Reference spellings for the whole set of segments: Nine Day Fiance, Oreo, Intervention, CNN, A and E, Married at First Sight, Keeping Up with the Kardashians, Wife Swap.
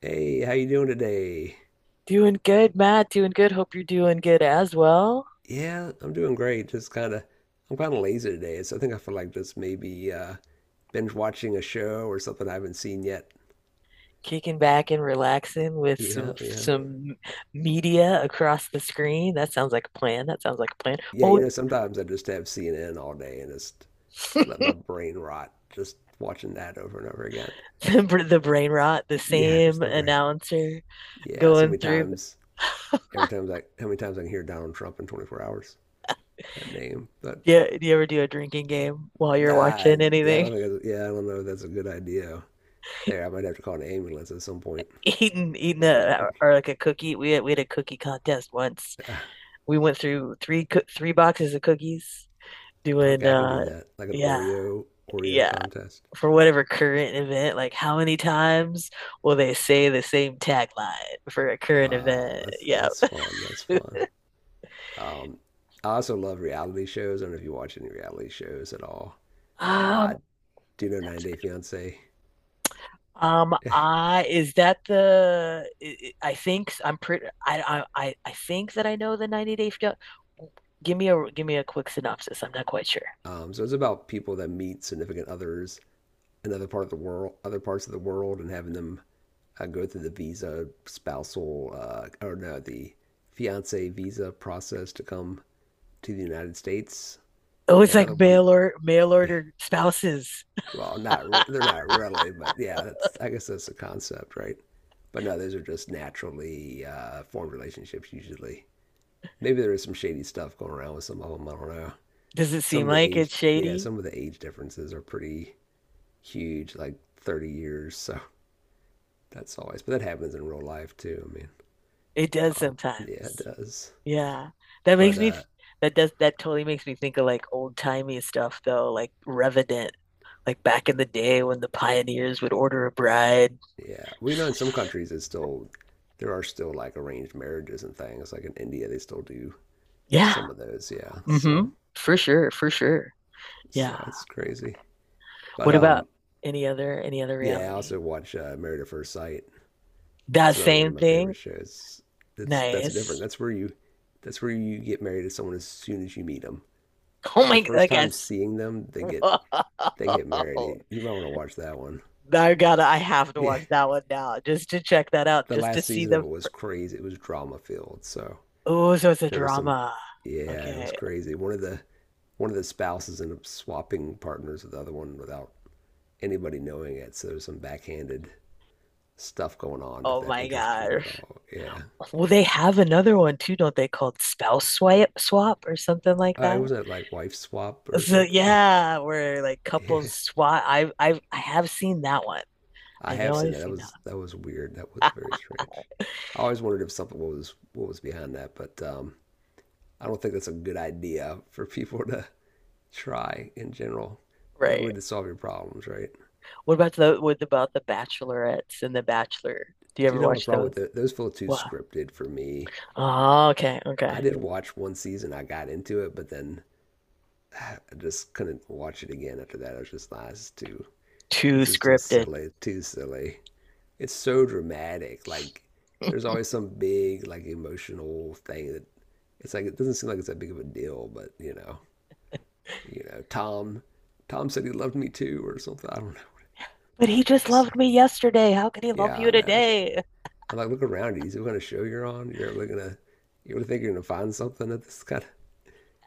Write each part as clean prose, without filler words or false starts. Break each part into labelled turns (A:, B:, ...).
A: Hey, how you doing today?
B: Doing good, Matt. Doing good. Hope you're doing good as well.
A: Yeah, I'm doing great. Just kind of, I'm kind of lazy today, so I think I feel like just maybe binge watching a show or something I haven't seen yet.
B: Kicking back and relaxing with
A: Yeah,
B: some
A: yeah,
B: some media across the screen. That sounds like a plan. That sounds like a plan.
A: yeah.
B: What
A: You
B: would
A: know, sometimes I just have CNN all day and just let my brain rot, just watching that over and over again.
B: the
A: But
B: brain rot, the
A: yeah, just
B: same
A: the brain.
B: announcer
A: Yeah, so
B: going
A: many
B: through.
A: times, every time I, how many times I can hear Donald Trump in 24 hours? That name, but
B: Yeah, do you ever do a drinking game while
A: nah,
B: you're
A: I
B: watching
A: yeah, I
B: anything?
A: don't think. That's, yeah, I don't know if that's a good idea. There, I might have to call an ambulance at some point
B: Eating
A: with that one.
B: a or like a cookie. We had a cookie contest once. We went through three boxes of cookies. Doing
A: Okay, I can do that. Like an
B: yeah,
A: Oreo
B: yeah.
A: contest.
B: For whatever current event, like how many times will they say the same tagline for a current
A: Wow,
B: event?
A: that's
B: Yeah.
A: that's fun. That's fun. Um, I also love reality shows. I don't know if you watch any reality shows at all.
B: Um,
A: I do know Nine
B: that's
A: Day
B: good.
A: Fiance.
B: I is that the I think I'm pretty I think that I know the 90 Day. Give me a quick synopsis. I'm not quite sure.
A: So it's about people that meet significant others in other part of the world, other parts of the world, and having them go through the visa spousal or no, the fiance visa process to come to the United States.
B: Oh, it's
A: And
B: like
A: other one,
B: mail
A: yeah,
B: order spouses.
A: well, not they're not really, but yeah, that's I guess that's the concept, right? But no, those are just naturally formed relationships usually. Maybe there is some shady stuff going around with some of them. I don't know.
B: Does it
A: Some
B: seem
A: of the
B: like
A: age,
B: it's
A: yeah,
B: shady?
A: some of the age differences are pretty huge, like 30 years. So that's always, but that happens in real life too. I mean,
B: It does
A: yeah, it
B: sometimes.
A: does.
B: Yeah. That makes
A: But
B: me th- that totally makes me think of like old timey stuff though, like Revenant, like back in the day when the pioneers would order a bride.
A: yeah, we know in some countries it's still there are still like arranged marriages and things. Like in India, they still do
B: Yeah.
A: some of those. Yeah,
B: Mm-hmm.
A: so.
B: For sure, for sure. Yeah.
A: So it's crazy. But
B: What about any other
A: yeah, I
B: reality?
A: also watch Married at First Sight.
B: That
A: That's another one
B: same
A: of my
B: thing?
A: favorite shows. That's different.
B: Nice.
A: That's where you get married to someone as soon as you meet them.
B: Oh
A: The
B: my, I
A: first time
B: guess.
A: seeing them,
B: Whoa.
A: they get married. You might want to watch that one.
B: I have to
A: Yeah,
B: watch that one now just to check that out,
A: the
B: just to
A: last
B: see
A: season of
B: the.
A: it was crazy. It was drama filled. So
B: Oh, so it's a
A: there was some
B: drama.
A: yeah, it was
B: Okay.
A: crazy. One of the spouses ended up swapping partners with the other one without anybody knowing it. So there was some backhanded stuff going on if
B: Oh
A: that
B: my
A: interests you
B: God.
A: at all. Yeah.
B: Well, they have another one too, don't they, called spouse swipe swap or something like
A: I
B: that.
A: wasn't it like wife swap or
B: So
A: something.
B: yeah, where like
A: Yeah.
B: couples swap. I have seen that one.
A: I
B: I
A: have
B: know
A: seen
B: I've
A: that. That
B: seen that
A: was that was weird. That was
B: one.
A: very strange. I always wondered if something was what was behind that, but I don't think that's a good idea for people to try in general. Not a good
B: Right.
A: way to solve your problems, right?
B: What about the Bachelorettes and the Bachelor? Do you
A: Do you
B: ever
A: know my
B: watch
A: problem with
B: those?
A: the, those feel too
B: Wow.
A: scripted for me?
B: Oh, okay.
A: I did watch one season. I got into it, but then I just couldn't watch it again after that. I was just like,
B: Too
A: this is too
B: scripted.
A: silly, too silly. It's so dramatic. Like there's always some big like emotional thing that it's like it doesn't seem like it's that big of a deal, but you know, Tom, Tom said he loved me too or something. I don't know.
B: But he just
A: It's-
B: loved me yesterday. How can he love
A: yeah,
B: you
A: I know. It's-
B: today?
A: I'm like look around you. Is it what kind of show you're on? You're really gonna you really think you're gonna find something at this kind of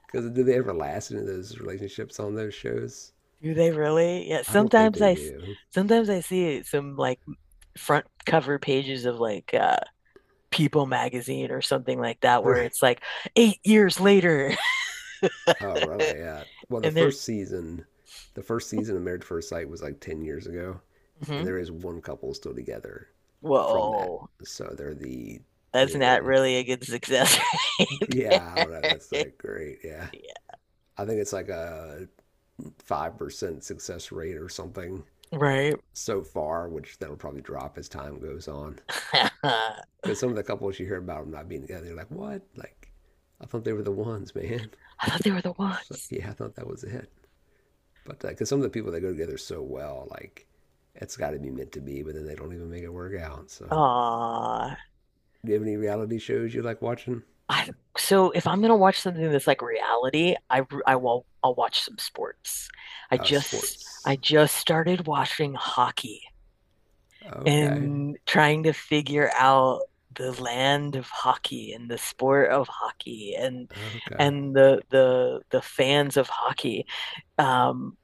A: because do they ever last in those relationships on those shows?
B: Do they really? Yeah,
A: I don't think they do.
B: sometimes I see some like front cover pages of like People magazine or something like that, where
A: Right.
B: it's like 8 years later,
A: Oh, where am I at? Well,
B: and they're.
A: the first season of Marriage at First Sight was like 10 years ago, and
B: Mhm.
A: there is one couple still together from that.
B: Whoa,
A: So they're
B: that's not
A: the
B: really a good success, right.
A: yeah, I
B: There.
A: don't know. That's like great. Yeah.
B: Yeah,
A: I think it's like a 5% success rate or something
B: right.
A: so far, which that'll probably drop as time goes on.
B: I
A: Because some of the couples you hear about them not being together, you're like, what? Like, I thought they were the ones, man.
B: thought they were the
A: So,
B: ones.
A: yeah, I thought that was it. But because some of the people they go together so well, like it's got to be meant to be, but then they don't even make it work out. So,
B: Aw.
A: do you have any reality shows you like watching?
B: I, so if I'm gonna watch something that's like reality, I'll watch some sports.
A: Oh,
B: I
A: sports.
B: just started watching hockey,
A: Okay.
B: and trying to figure out the land of hockey and the sport of hockey and
A: Okay.
B: the fans of hockey. Um,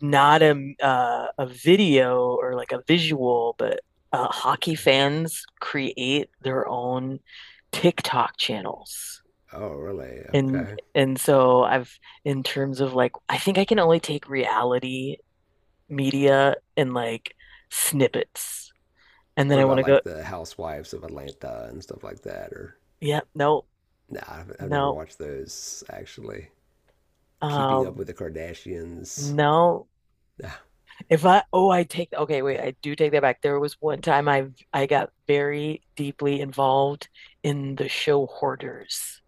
B: not a video or like a visual, but hockey
A: Yeah.
B: fans create their own TikTok channels.
A: Oh, really? Okay.
B: And so I've, in terms of like I think I can only take reality media and like snippets. And then
A: What
B: I
A: about
B: want to go,
A: like the Housewives of Atlanta and stuff like that? Or
B: yeah, no.
A: nah, I've never
B: No.
A: watched those actually. Keeping Up with
B: Um,
A: the Kardashians.
B: no.
A: Nah.
B: If I, oh, I take, okay, wait, I do take that back. There was one time I got very deeply involved in the show Hoarders.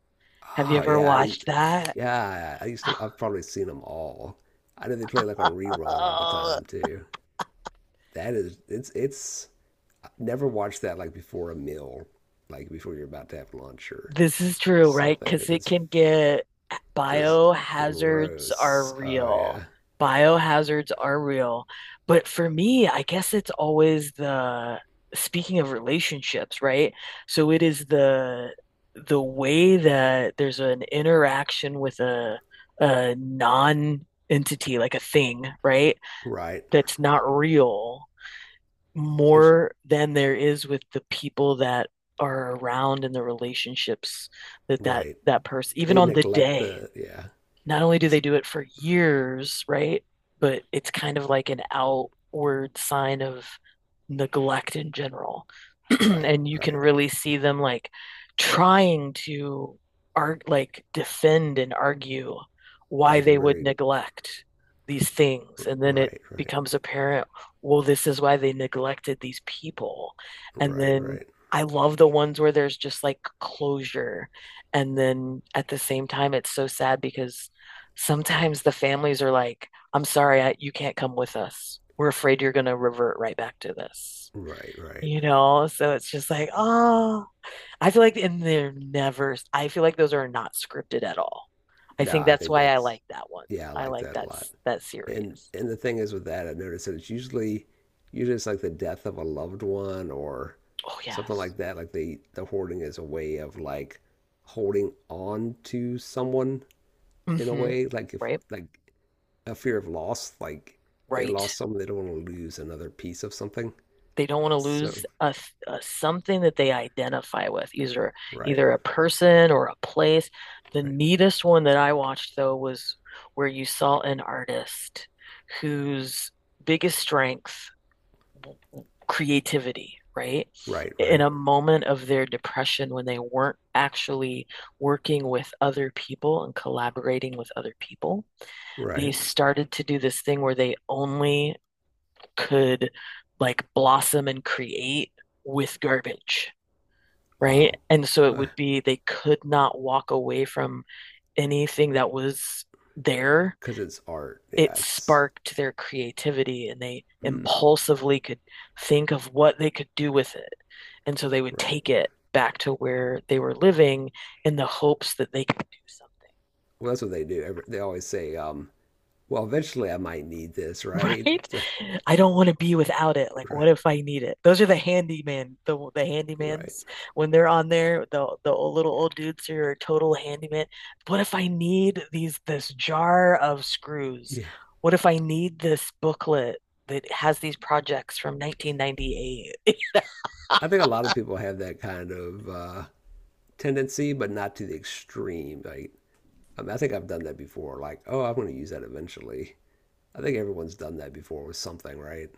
B: Have you
A: Oh
B: ever watched that?
A: yeah. I used to. I've probably seen them all. I know they play like on rerun all the
B: Oh,
A: time too. That is it's I've never watched that like before a meal, like before you're about to have lunch or
B: this is true, right?
A: something
B: Because
A: because
B: it
A: it's
B: can get,
A: just
B: biohazards are
A: gross. Oh
B: real.
A: yeah,
B: Biohazards are real. But for me, I guess it's always the, speaking of relationships, right? So it is the way that there's an interaction with a non-entity, like a thing, right?
A: right.
B: That's not real
A: It's
B: more than there is with the people that are around and the relationships that
A: right.
B: person even
A: They
B: on the
A: neglect
B: day,
A: the yeah.
B: not only do
A: It's
B: they do it for years, right? But it's kind of like an outward sign of neglect in general.
A: right,
B: And you can
A: right.
B: really see them like trying to art like defend and argue why
A: Like they're
B: they would
A: very
B: neglect these things. And then it
A: right, right,
B: becomes apparent, well, this is why they neglected these people. And
A: right,
B: then
A: right,
B: I love the ones where there's just like closure. And then at the same time, it's so sad because sometimes the families are like, I'm sorry, I, you can't come with us. We're afraid you're going to revert right back to this.
A: right, right.
B: You know, so it's just like, oh, I feel like, and they're never, I feel like those are not scripted at all. I
A: No,
B: think
A: I
B: that's
A: think
B: why I
A: that's
B: like that one.
A: yeah, I
B: I
A: like
B: like
A: that a
B: that
A: lot.
B: that series.
A: And the thing is with that, I've noticed that it's usually it's like the death of a loved one or
B: Oh,
A: something
B: yes.
A: like that. Like the hoarding is a way of like holding on to someone in a
B: Mm-hmm.
A: way, like if
B: Right.
A: like a fear of loss, like they
B: Right.
A: lost someone, they don't want to lose another piece of something.
B: They don't want to
A: So
B: lose a something that they identify with, either
A: right,
B: either a person or a place. The
A: right,
B: neatest one that I watched though was where you saw an artist whose biggest strength, creativity, right?
A: right,
B: In
A: right,
B: a moment of their depression when they weren't actually working with other people and collaborating with other people, they
A: right.
B: started to do this thing where they only could like blossom and create with garbage, right?
A: Wow,
B: And so it
A: because
B: would be they could not walk away from anything that was there.
A: it's art. Yeah,
B: It
A: it's
B: sparked their creativity and they
A: mm,
B: impulsively could think of what they could do with it. And so they would
A: right.
B: take it back to where they were living in the hopes that they could do something.
A: Well, that's what they do. They always say, well, eventually I might need this, right?
B: Right? I don't want to be without it. Like,
A: Right.
B: what if I need it? Those are the handyman, the
A: Right.
B: handymans when they're on there, the old, little old dudes who are total handyman. What if I need these this jar of screws?
A: Yeah.
B: What if I need this booklet that has these projects from 1998?
A: I think a lot of people have that kind of tendency, but not to the extreme. Like, I mean, I think I've done that before. Like, oh, I'm going to use that eventually. I think everyone's done that before with something, right?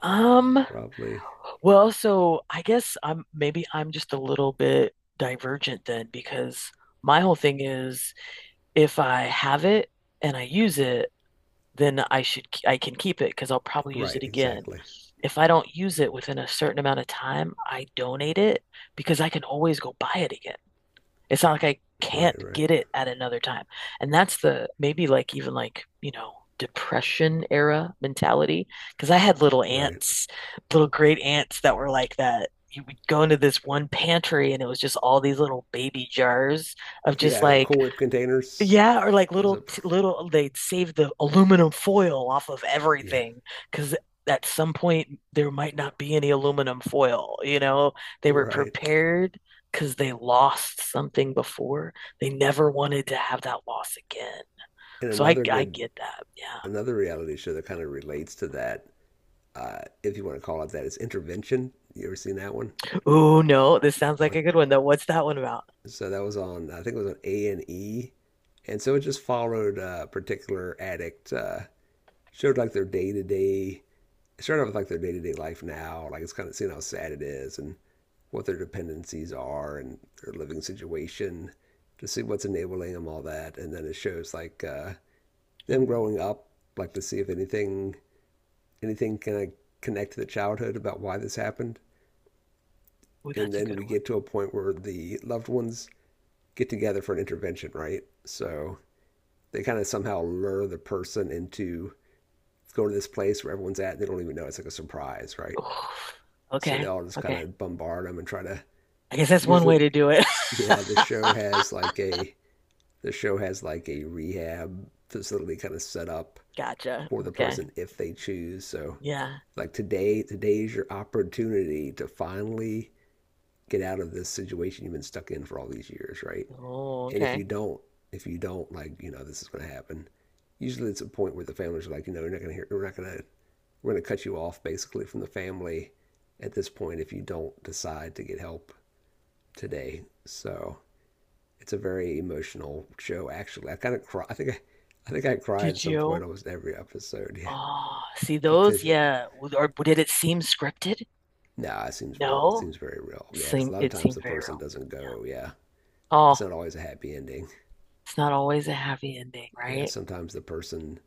B: Um,
A: Probably.
B: well, so I guess I'm, maybe I'm just a little bit divergent then because my whole thing is if I have it and I use it, then I can keep it because I'll probably use
A: Right.
B: it again.
A: Exactly.
B: If I don't use it within a certain amount of time, I donate it because I can always go buy it again. It's not like I
A: Right.
B: can't
A: Right.
B: get it at another time. And that's the, maybe like, even like, you know, depression era mentality, because I had little
A: Right.
B: aunts, little great aunts that were like that. You would go into this one pantry and it was just all these little baby jars of just
A: Yeah.
B: like,
A: Cool Whip containers
B: yeah, or like
A: was a.
B: little they'd save the aluminum foil off of
A: Yeah.
B: everything because at some point there might not be any aluminum foil, you know? They were
A: Right.
B: prepared because they lost something before. They never wanted to have that loss again.
A: And
B: So I
A: another
B: I
A: good,
B: get that. Yeah.
A: another reality show that kind of relates to that if you want to call it that. It's intervention. You ever seen that one?
B: Oh no, this sounds like
A: On
B: a good one though. What's that one about?
A: so that was on I think it was on A and E, and so it just followed a particular addict. Showed like their day to day. It started off with like their day to day life now. Like it's kind of seeing how sad it is and what their dependencies are and their living situation to see what's enabling them all that and then it shows like them
B: Ooh,
A: growing up like to see if anything can like, connect to the childhood about why this happened
B: ooh,
A: and
B: that's a
A: then
B: good
A: we
B: one.
A: get to a point where the loved ones get together for an intervention, right? So they kind of somehow lure the person into going to this place where everyone's at and they don't even know it's like a surprise, right?
B: Oof.
A: So they
B: Okay.
A: all just kind
B: Okay.
A: of bombard them and try to
B: I guess that's one way
A: usually
B: to do it.
A: yeah, the show has like a the show has like a rehab facility kind of set up
B: Gotcha.
A: for the
B: Okay.
A: person if they choose. So
B: Yeah.
A: like today's your opportunity to finally get out of this situation you've been stuck in for all these years, right?
B: Oh,
A: And
B: okay.
A: if you don't, like, you know, this is going to happen. Usually it's a point where the families are like, you know, we're not going to hear, we're not going to, we're going to cut you off basically from the family at this point if you don't decide to get help today. So it's a very emotional show, actually. I kind of cry. I think I cry at
B: Did
A: some point
B: you?
A: almost every episode. Yeah.
B: Oh, see
A: Because,
B: those? Yeah. W- Or did it seem scripted?
A: no, nah, it seems real. It
B: No.
A: seems very real. Yeah. Because a lot of
B: It
A: times
B: seemed
A: the
B: very
A: person
B: real.
A: doesn't go. Yeah. It's
B: Oh,
A: not always a happy ending.
B: it's not always a happy ending,
A: Yeah.
B: right?
A: Sometimes the person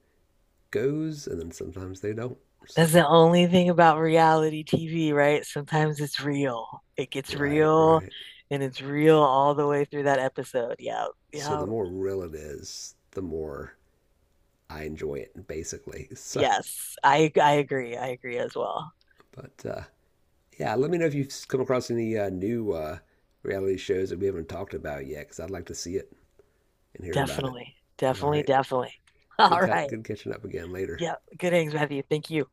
A: goes and then sometimes they don't. So
B: That's the only thing about reality TV, right? Sometimes it's real. It gets
A: right,
B: real
A: right.
B: and it's real all the way through that episode. Yeah.
A: So
B: Yeah.
A: the more real it is, the more I enjoy it, basically. So,
B: Yes. I agree. I agree as well.
A: but yeah, let me know if you've come across any new reality shows that we haven't talked about yet, because I'd like to see it and hear about it.
B: Definitely.
A: All
B: Definitely,
A: right.
B: definitely.
A: Good
B: All
A: cut.
B: right.
A: Good catching up again later.
B: Yeah. Good innings, Matthew. Thank you.